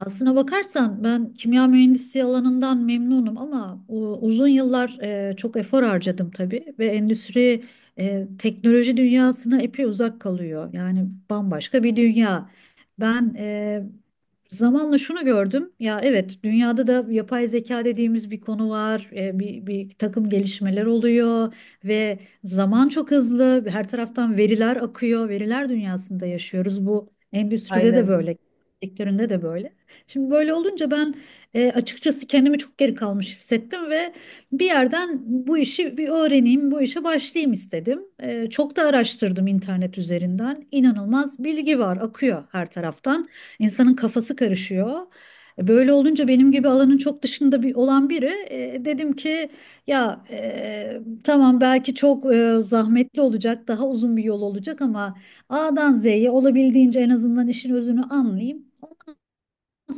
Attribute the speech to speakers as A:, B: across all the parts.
A: Aslına bakarsan ben kimya mühendisliği alanından memnunum ama uzun yıllar çok efor harcadım tabii ve endüstri teknoloji dünyasına epey uzak kalıyor. Yani bambaşka bir dünya. Ben e, Zamanla şunu gördüm. Ya evet dünyada da yapay zeka dediğimiz bir konu var. Bir takım gelişmeler oluyor ve zaman çok hızlı. Her taraftan veriler akıyor. Veriler dünyasında yaşıyoruz. Bu endüstride de
B: Aynen.
A: böyle, sektöründe de böyle. Şimdi böyle olunca açıkçası kendimi çok geri kalmış hissettim ve bir yerden bu işi bir öğreneyim, bu işe başlayayım istedim. Çok da araştırdım internet üzerinden. İnanılmaz bilgi var, akıyor her taraftan. İnsanın kafası karışıyor. Böyle olunca benim gibi alanın çok dışında bir olan biri dedim ki ya tamam belki çok zahmetli olacak, daha uzun bir yol olacak ama A'dan Z'ye olabildiğince en azından işin özünü anlayayım,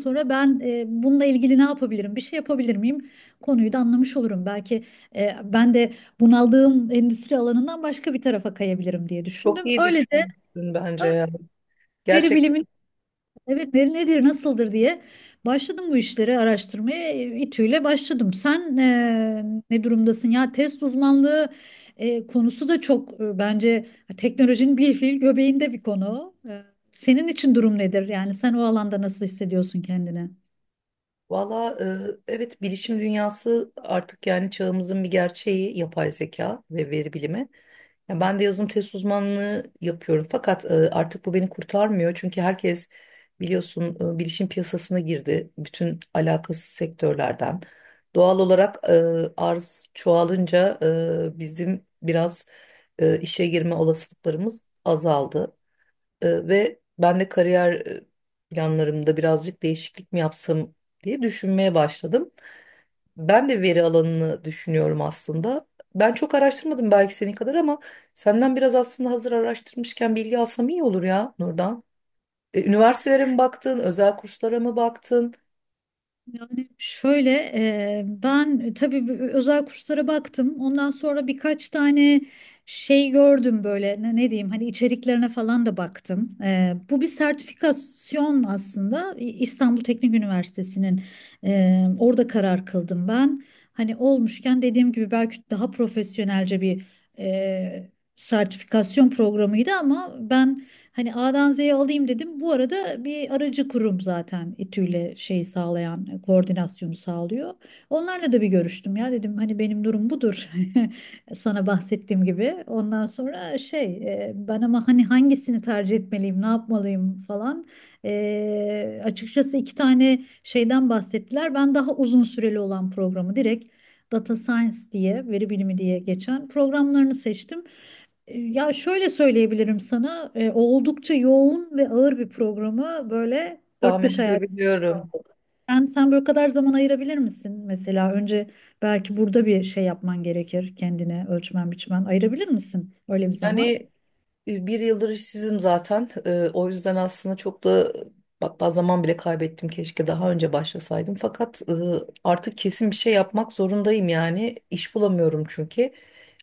A: sonra ben bununla ilgili ne yapabilirim, bir şey yapabilir miyim konuyu da anlamış olurum. Belki ben de bunaldığım endüstri alanından başka bir tarafa kayabilirim diye
B: Çok
A: düşündüm.
B: iyi
A: Öyle de
B: düşünmüşsün
A: ö-
B: bence ya.
A: veri
B: Gerçekten.
A: bilimin evet nedir, nasıldır diye başladım bu işleri araştırmaya. İTÜ'yle başladım. Sen ne durumdasın ya? Test uzmanlığı konusu da çok bence teknolojinin bir fiil göbeğinde bir konu. Senin için durum nedir? Yani sen o alanda nasıl hissediyorsun kendini?
B: Valla evet bilişim dünyası artık yani çağımızın bir gerçeği yapay zeka ve veri bilimi. Ya ben de yazılım test uzmanlığı yapıyorum fakat artık bu beni kurtarmıyor. Çünkü herkes biliyorsun bilişim piyasasına girdi. Bütün alakasız sektörlerden. Doğal olarak arz çoğalınca bizim biraz işe girme olasılıklarımız azaldı. Ve ben de kariyer planlarımda birazcık değişiklik mi yapsam diye düşünmeye başladım. Ben de veri alanını düşünüyorum aslında. Ben çok araştırmadım belki senin kadar ama senden biraz aslında hazır araştırmışken bilgi alsam iyi olur ya Nurdan. Üniversitelere mi baktın, özel kurslara mı baktın?
A: Şöyle ben tabii bu özel kurslara baktım. Ondan sonra birkaç tane şey gördüm böyle ne diyeyim hani içeriklerine falan da baktım. Bu bir sertifikasyon aslında İstanbul Teknik Üniversitesi'nin, orada karar kıldım ben. Hani olmuşken dediğim gibi belki daha profesyonelce bir e, sertifikasyon programıydı ama ben hani A'dan Z'ye alayım dedim. Bu arada bir aracı kurum zaten İTÜ'yle şey sağlayan, koordinasyonu sağlıyor. Onlarla da bir görüştüm ya dedim hani benim durum budur. Sana bahsettiğim gibi. Ondan sonra ben ama hani hangisini tercih etmeliyim, ne yapmalıyım falan. Açıkçası iki tane şeyden bahsettiler. Ben daha uzun süreli olan programı direkt Data Science diye, veri bilimi diye geçen programlarını seçtim. Ya şöyle söyleyebilirim sana, oldukça yoğun ve ağır bir programı böyle dört
B: Tahmin
A: beş ay ayırdık.
B: edebiliyorum.
A: Sen böyle kadar zaman ayırabilir misin? Mesela önce belki burada bir şey yapman gerekir kendine, ölçmen biçmen, ayırabilir misin öyle bir zaman?
B: Yani 1 yıldır işsizim zaten. O yüzden aslında çok da hatta zaman bile kaybettim. Keşke daha önce başlasaydım. Fakat artık kesin bir şey yapmak zorundayım yani. İş bulamıyorum çünkü.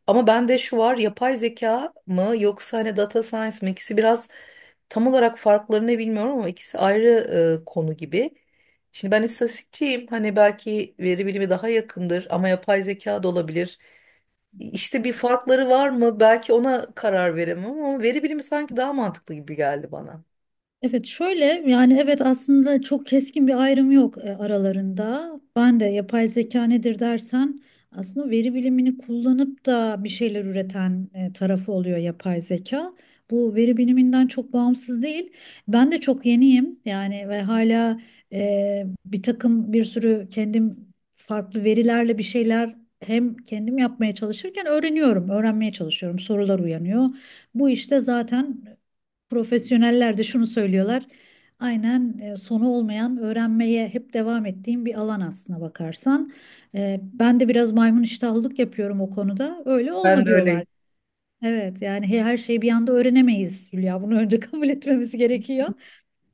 B: Ama bende şu var, yapay zeka mı yoksa hani data science mi? İkisi biraz tam olarak farklarını bilmiyorum ama ikisi ayrı konu gibi. Şimdi ben istatistikçiyim. Hani belki veri bilimi daha yakındır ama yapay zeka da olabilir. İşte bir farkları var mı? Belki ona karar veremem ama veri bilimi sanki daha mantıklı gibi geldi bana.
A: Evet şöyle yani evet aslında çok keskin bir ayrım yok aralarında. Ben de yapay zeka nedir dersen aslında veri bilimini kullanıp da bir şeyler üreten tarafı oluyor yapay zeka. Bu veri biliminden çok bağımsız değil. Ben de çok yeniyim yani ve hala bir takım bir sürü kendim farklı verilerle bir şeyler hem kendim yapmaya çalışırken öğreniyorum, öğrenmeye çalışıyorum. Sorular uyanıyor. Bu işte zaten profesyoneller de şunu söylüyorlar. Aynen, sonu olmayan öğrenmeye hep devam ettiğim bir alan aslına bakarsan. Ben de biraz maymun iştahlılık yapıyorum o konuda. Öyle
B: Ben
A: olma
B: de
A: diyorlar.
B: öyleyim.
A: Evet yani her şeyi bir anda öğrenemeyiz Hülya. Bunu önce kabul etmemiz gerekiyor.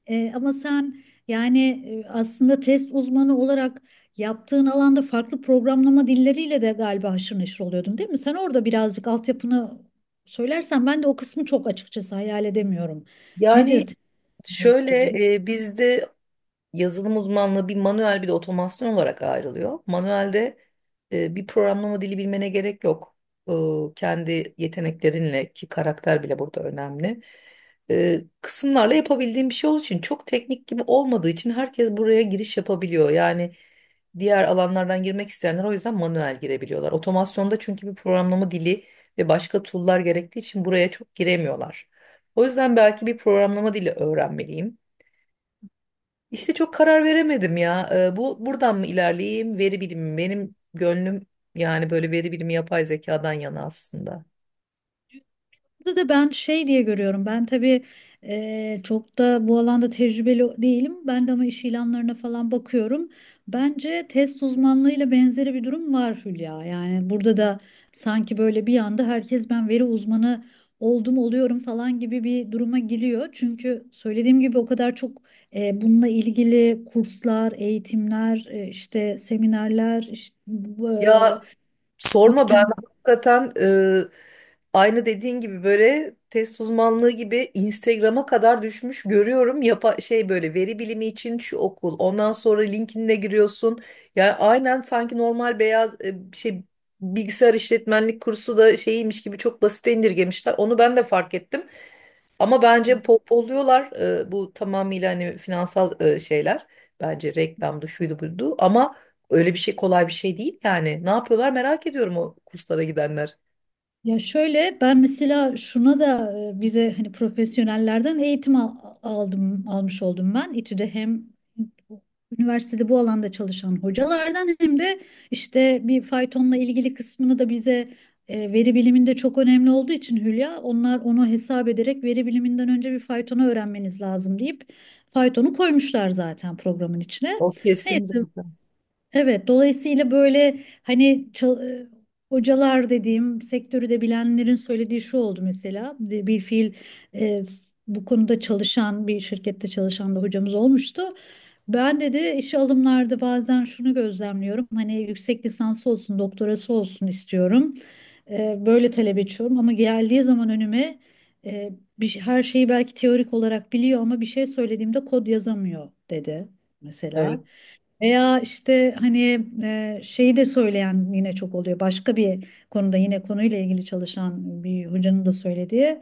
A: Ama sen yani aslında test uzmanı olarak yaptığın alanda farklı programlama dilleriyle de galiba haşır neşir oluyordun, değil mi? Sen orada birazcık altyapını söylersen, ben de o kısmı çok açıkçası hayal edemiyorum. Nedir
B: Yani
A: test
B: şöyle
A: uzmanı?
B: bizde yazılım uzmanlığı bir manuel bir de otomasyon olarak ayrılıyor. Manuelde bir programlama dili bilmene gerek yok. E, Kendi yeteneklerinle ki karakter bile burada önemli. Kısımlarla yapabildiğim bir şey olduğu için çok teknik gibi olmadığı için herkes buraya giriş yapabiliyor. Yani diğer alanlardan girmek isteyenler o yüzden manuel girebiliyorlar. Otomasyonda çünkü bir programlama dili ve başka tool'lar gerektiği için buraya çok giremiyorlar. O yüzden belki bir programlama dili öğrenmeliyim. İşte çok karar veremedim ya. Bu buradan mı ilerleyeyim? Veri bilimi mi? Benim gönlüm yani böyle veri bilimi yapay zekadan yana aslında.
A: Burada da ben şey diye görüyorum. Ben tabii çok da bu alanda tecrübeli değilim. Ben de ama iş ilanlarına falan bakıyorum. Bence test uzmanlığıyla benzeri bir durum var Hülya. Yani burada da sanki böyle bir anda herkes ben veri uzmanı oldum oluyorum falan gibi bir duruma giriyor. Çünkü söylediğim gibi o kadar çok bununla ilgili kurslar, eğitimler, işte seminerler, işte,
B: Ya sorma, ben
A: bootcamp'ler.
B: hakikaten aynı dediğin gibi böyle test uzmanlığı gibi Instagram'a kadar düşmüş görüyorum. Yapa şey böyle veri bilimi için şu okul. Ondan sonra LinkedIn'e giriyorsun. Yani aynen sanki normal beyaz şey bilgisayar işletmenlik kursu da şeymiş gibi çok basite indirgemişler. Onu ben de fark ettim. Ama bence pohpohluyorlar, bu tamamıyla hani finansal şeyler. Bence reklamdı şuydu buydu ama öyle bir şey, kolay bir şey değil yani. Ne yapıyorlar merak ediyorum o kurslara gidenler.
A: Ya şöyle ben mesela şuna da bize hani profesyonellerden aldım, almış oldum ben. İTÜ'de hem üniversitede bu alanda çalışan hocalardan hem de işte bir faytonla ilgili kısmını da bize, veri biliminde çok önemli olduğu için Hülya, onlar onu hesap ederek veri biliminden önce bir faytonu öğrenmeniz lazım deyip faytonu koymuşlar zaten programın içine.
B: O kesin zaten.
A: Evet, dolayısıyla böyle hani hocalar dediğim sektörü de bilenlerin söylediği şu oldu mesela: bir bir fiil bu konuda çalışan bir şirkette çalışan bir hocamız olmuştu. Ben dedi işe alımlarda bazen şunu gözlemliyorum, hani yüksek lisansı olsun doktorası olsun istiyorum, böyle talep ediyorum ama geldiği zaman önüme e, her şeyi belki teorik olarak biliyor ama bir şey söylediğimde kod yazamıyor dedi mesela.
B: Evet.
A: Veya işte hani şeyi de söyleyen yine çok oluyor. Başka bir konuda yine konuyla ilgili çalışan bir hocanın da söylediği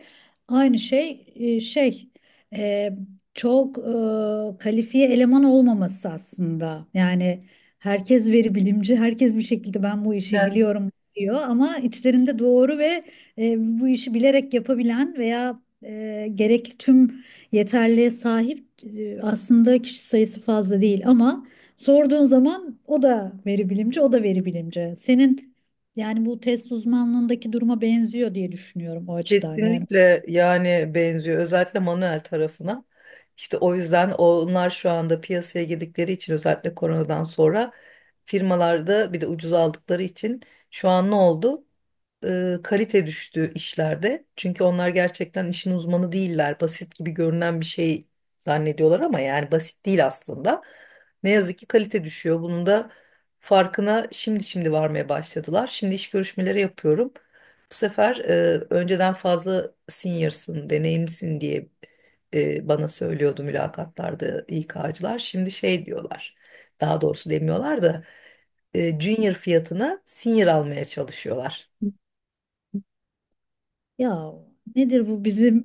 A: aynı şey, e, kalifiye eleman olmaması aslında. Yani herkes veri bilimci, herkes bir şekilde ben bu işi
B: ben
A: biliyorum diyor ama içlerinde doğru ve e, bu işi bilerek yapabilen veya gerekli tüm yeterliğe sahip aslında kişi sayısı fazla değil ama sorduğun zaman o da veri bilimci, o da veri bilimci. Senin yani bu test uzmanlığındaki duruma benziyor diye düşünüyorum o açıdan. Yani
B: Kesinlikle yani benziyor özellikle manuel tarafına. İşte o yüzden onlar şu anda piyasaya girdikleri için, özellikle koronadan sonra firmalarda bir de ucuz aldıkları için şu an ne oldu? Kalite düştü işlerde. Çünkü onlar gerçekten işin uzmanı değiller. Basit gibi görünen bir şey zannediyorlar ama yani basit değil aslında. Ne yazık ki kalite düşüyor. Bunun da farkına şimdi varmaya başladılar. Şimdi iş görüşmeleri yapıyorum. Bu sefer önceden fazla senior'sın, deneyimlisin diye bana söylüyordu mülakatlarda İK'cılar. Şimdi şey diyorlar, daha doğrusu demiyorlar da junior fiyatına senior almaya çalışıyorlar.
A: ya nedir bu bizim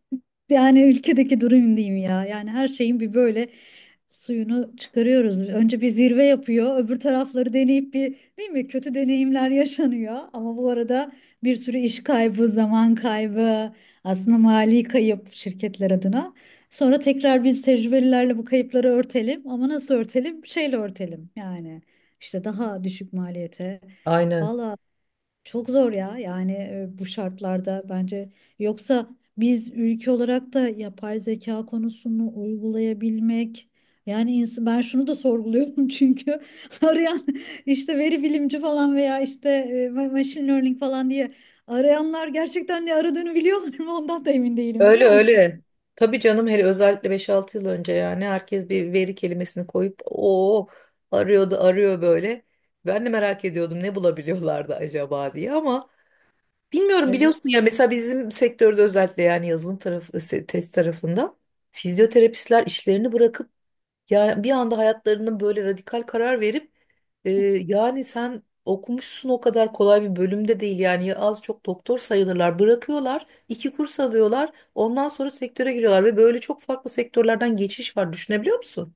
A: yani ülkedeki durum diyeyim ya. Yani her şeyin bir böyle suyunu çıkarıyoruz. Önce bir zirve yapıyor. Öbür tarafları deneyip bir, değil mi? Kötü deneyimler yaşanıyor. Ama bu arada bir sürü iş kaybı, zaman kaybı, aslında mali kayıp şirketler adına. Sonra tekrar biz tecrübelilerle bu kayıpları örtelim. Ama nasıl örtelim? Şeyle örtelim yani. İşte daha düşük maliyete.
B: Aynen.
A: Valla çok zor ya yani bu şartlarda bence, yoksa biz ülke olarak da yapay zeka konusunu uygulayabilmek yani ben şunu da sorguluyorum çünkü arayan işte veri bilimci falan veya işte machine learning falan diye arayanlar gerçekten ne aradığını biliyorlar mı ondan da emin değilim,
B: Öyle
A: biliyor musun?
B: öyle. Tabii canım, hele özellikle 5-6 yıl önce yani herkes bir veri kelimesini koyup o arıyordu, arıyor böyle. Ben de merak ediyordum ne bulabiliyorlardı acaba diye ama bilmiyorum,
A: Evet.
B: biliyorsun ya mesela bizim sektörde özellikle yani yazılım tarafı test tarafında fizyoterapistler işlerini bırakıp yani bir anda hayatlarının böyle radikal karar verip e, yani sen okumuşsun, o kadar kolay bir bölümde değil yani, ya az çok doktor sayılırlar, bırakıyorlar 2 kurs alıyorlar ondan sonra sektöre giriyorlar ve böyle çok farklı sektörlerden geçiş var, düşünebiliyor musun?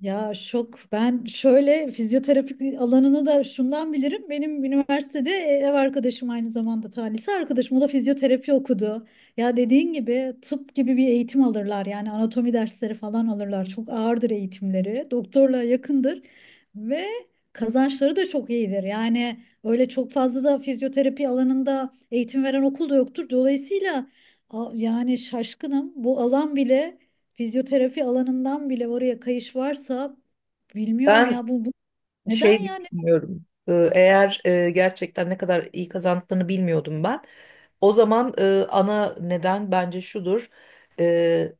A: Ya şok. Ben şöyle fizyoterapi alanını da şundan bilirim. Benim üniversitede ev arkadaşım, aynı zamanda talihsiz arkadaşım, o da fizyoterapi okudu. Ya dediğin gibi tıp gibi bir eğitim alırlar. Yani anatomi dersleri falan alırlar. Çok ağırdır eğitimleri. Doktorla yakındır. Ve kazançları da çok iyidir. Yani öyle çok fazla da fizyoterapi alanında eğitim veren okul da yoktur. Dolayısıyla yani şaşkınım. Bu alan bile, fizyoterapi alanından bile oraya kayış varsa bilmiyorum
B: Ben
A: ya, bu neden
B: şey
A: yani
B: düşünüyorum. Eğer gerçekten ne kadar iyi kazandıklarını bilmiyordum ben. O zaman ana neden bence şudur. E,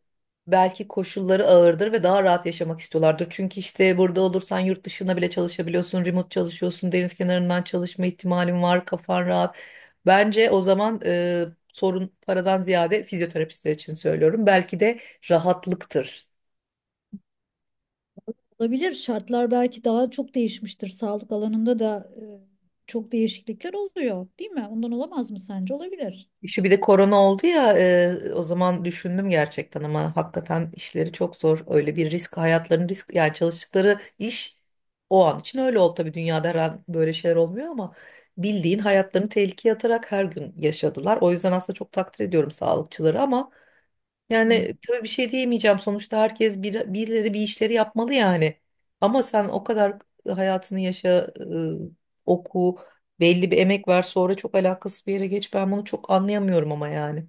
B: Belki koşulları ağırdır ve daha rahat yaşamak istiyorlardır. Çünkü işte burada olursan yurt dışına bile çalışabiliyorsun, remote çalışıyorsun, deniz kenarından çalışma ihtimalin var, kafan rahat. Bence o zaman sorun paradan ziyade, fizyoterapistler için söylüyorum, belki de rahatlıktır.
A: olabilir? Şartlar belki daha çok değişmiştir. Sağlık alanında da çok değişiklikler oluyor, değil mi? Ondan olamaz mı sence? Olabilir.
B: Şu bir de korona oldu ya, o zaman düşündüm gerçekten, ama hakikaten işleri çok zor. Öyle bir risk, hayatlarının risk yani çalıştıkları iş o an için öyle oldu tabii, dünyada her an böyle şeyler olmuyor ama bildiğin hayatlarını tehlikeye atarak her gün yaşadılar. O yüzden aslında çok takdir ediyorum sağlıkçıları ama
A: Hı.
B: yani tabii bir şey diyemeyeceğim. Sonuçta herkes bir, birileri bir işleri yapmalı yani. Ama sen o kadar hayatını yaşa, oku, belli bir emek ver, sonra çok alakasız bir yere geç. Ben bunu çok anlayamıyorum ama yani.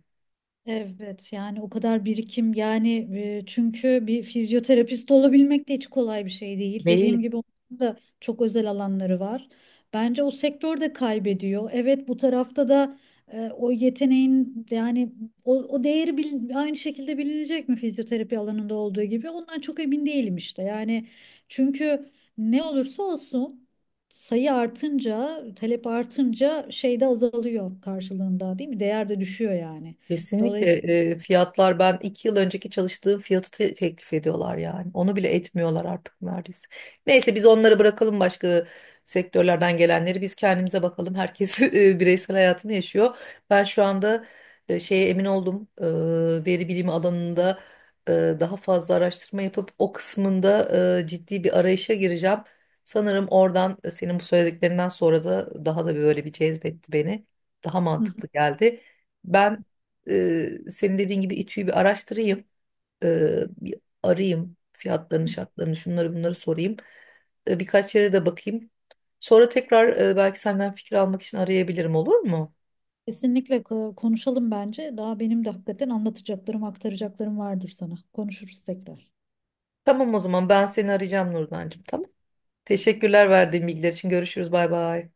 A: Evet yani o kadar birikim yani, çünkü bir fizyoterapist olabilmek de hiç kolay bir şey değil. Dediğim
B: Değil.
A: gibi onun da çok özel alanları var. Bence o sektör de kaybediyor. Evet bu tarafta da o yeteneğin yani o değeri aynı şekilde bilinecek mi fizyoterapi alanında olduğu gibi ondan çok emin değilim işte. Yani çünkü ne olursa olsun, sayı artınca talep artınca şey de azalıyor karşılığında, değil mi? Değer de düşüyor yani.
B: Kesinlikle
A: Dolayısıyla
B: fiyatlar, ben 2 yıl önceki çalıştığım fiyatı teklif ediyorlar yani. Onu bile etmiyorlar artık neredeyse. Neyse biz onları bırakalım, başka sektörlerden gelenleri. Biz kendimize bakalım. Herkes bireysel hayatını yaşıyor. Ben şu anda şeye emin oldum. Veri bilimi alanında e, daha fazla araştırma yapıp o kısmında ciddi bir arayışa gireceğim. Sanırım oradan, senin bu söylediklerinden sonra da daha da böyle bir cezbetti beni. Daha
A: hı hı,
B: mantıklı geldi. Ben senin dediğin gibi İTÜ'yü bir araştırayım. Bir arayayım fiyatlarını, şartlarını, şunları bunları sorayım. Birkaç yere de bakayım. Sonra tekrar, belki senden fikir almak için arayabilirim, olur mu?
A: konuşalım bence. Daha benim de hakikaten anlatacaklarım, aktaracaklarım vardır sana. Konuşuruz tekrar.
B: Tamam o zaman ben seni arayacağım Nurdancığım, tamam. Teşekkürler verdiğin bilgiler için. Görüşürüz, bay bay.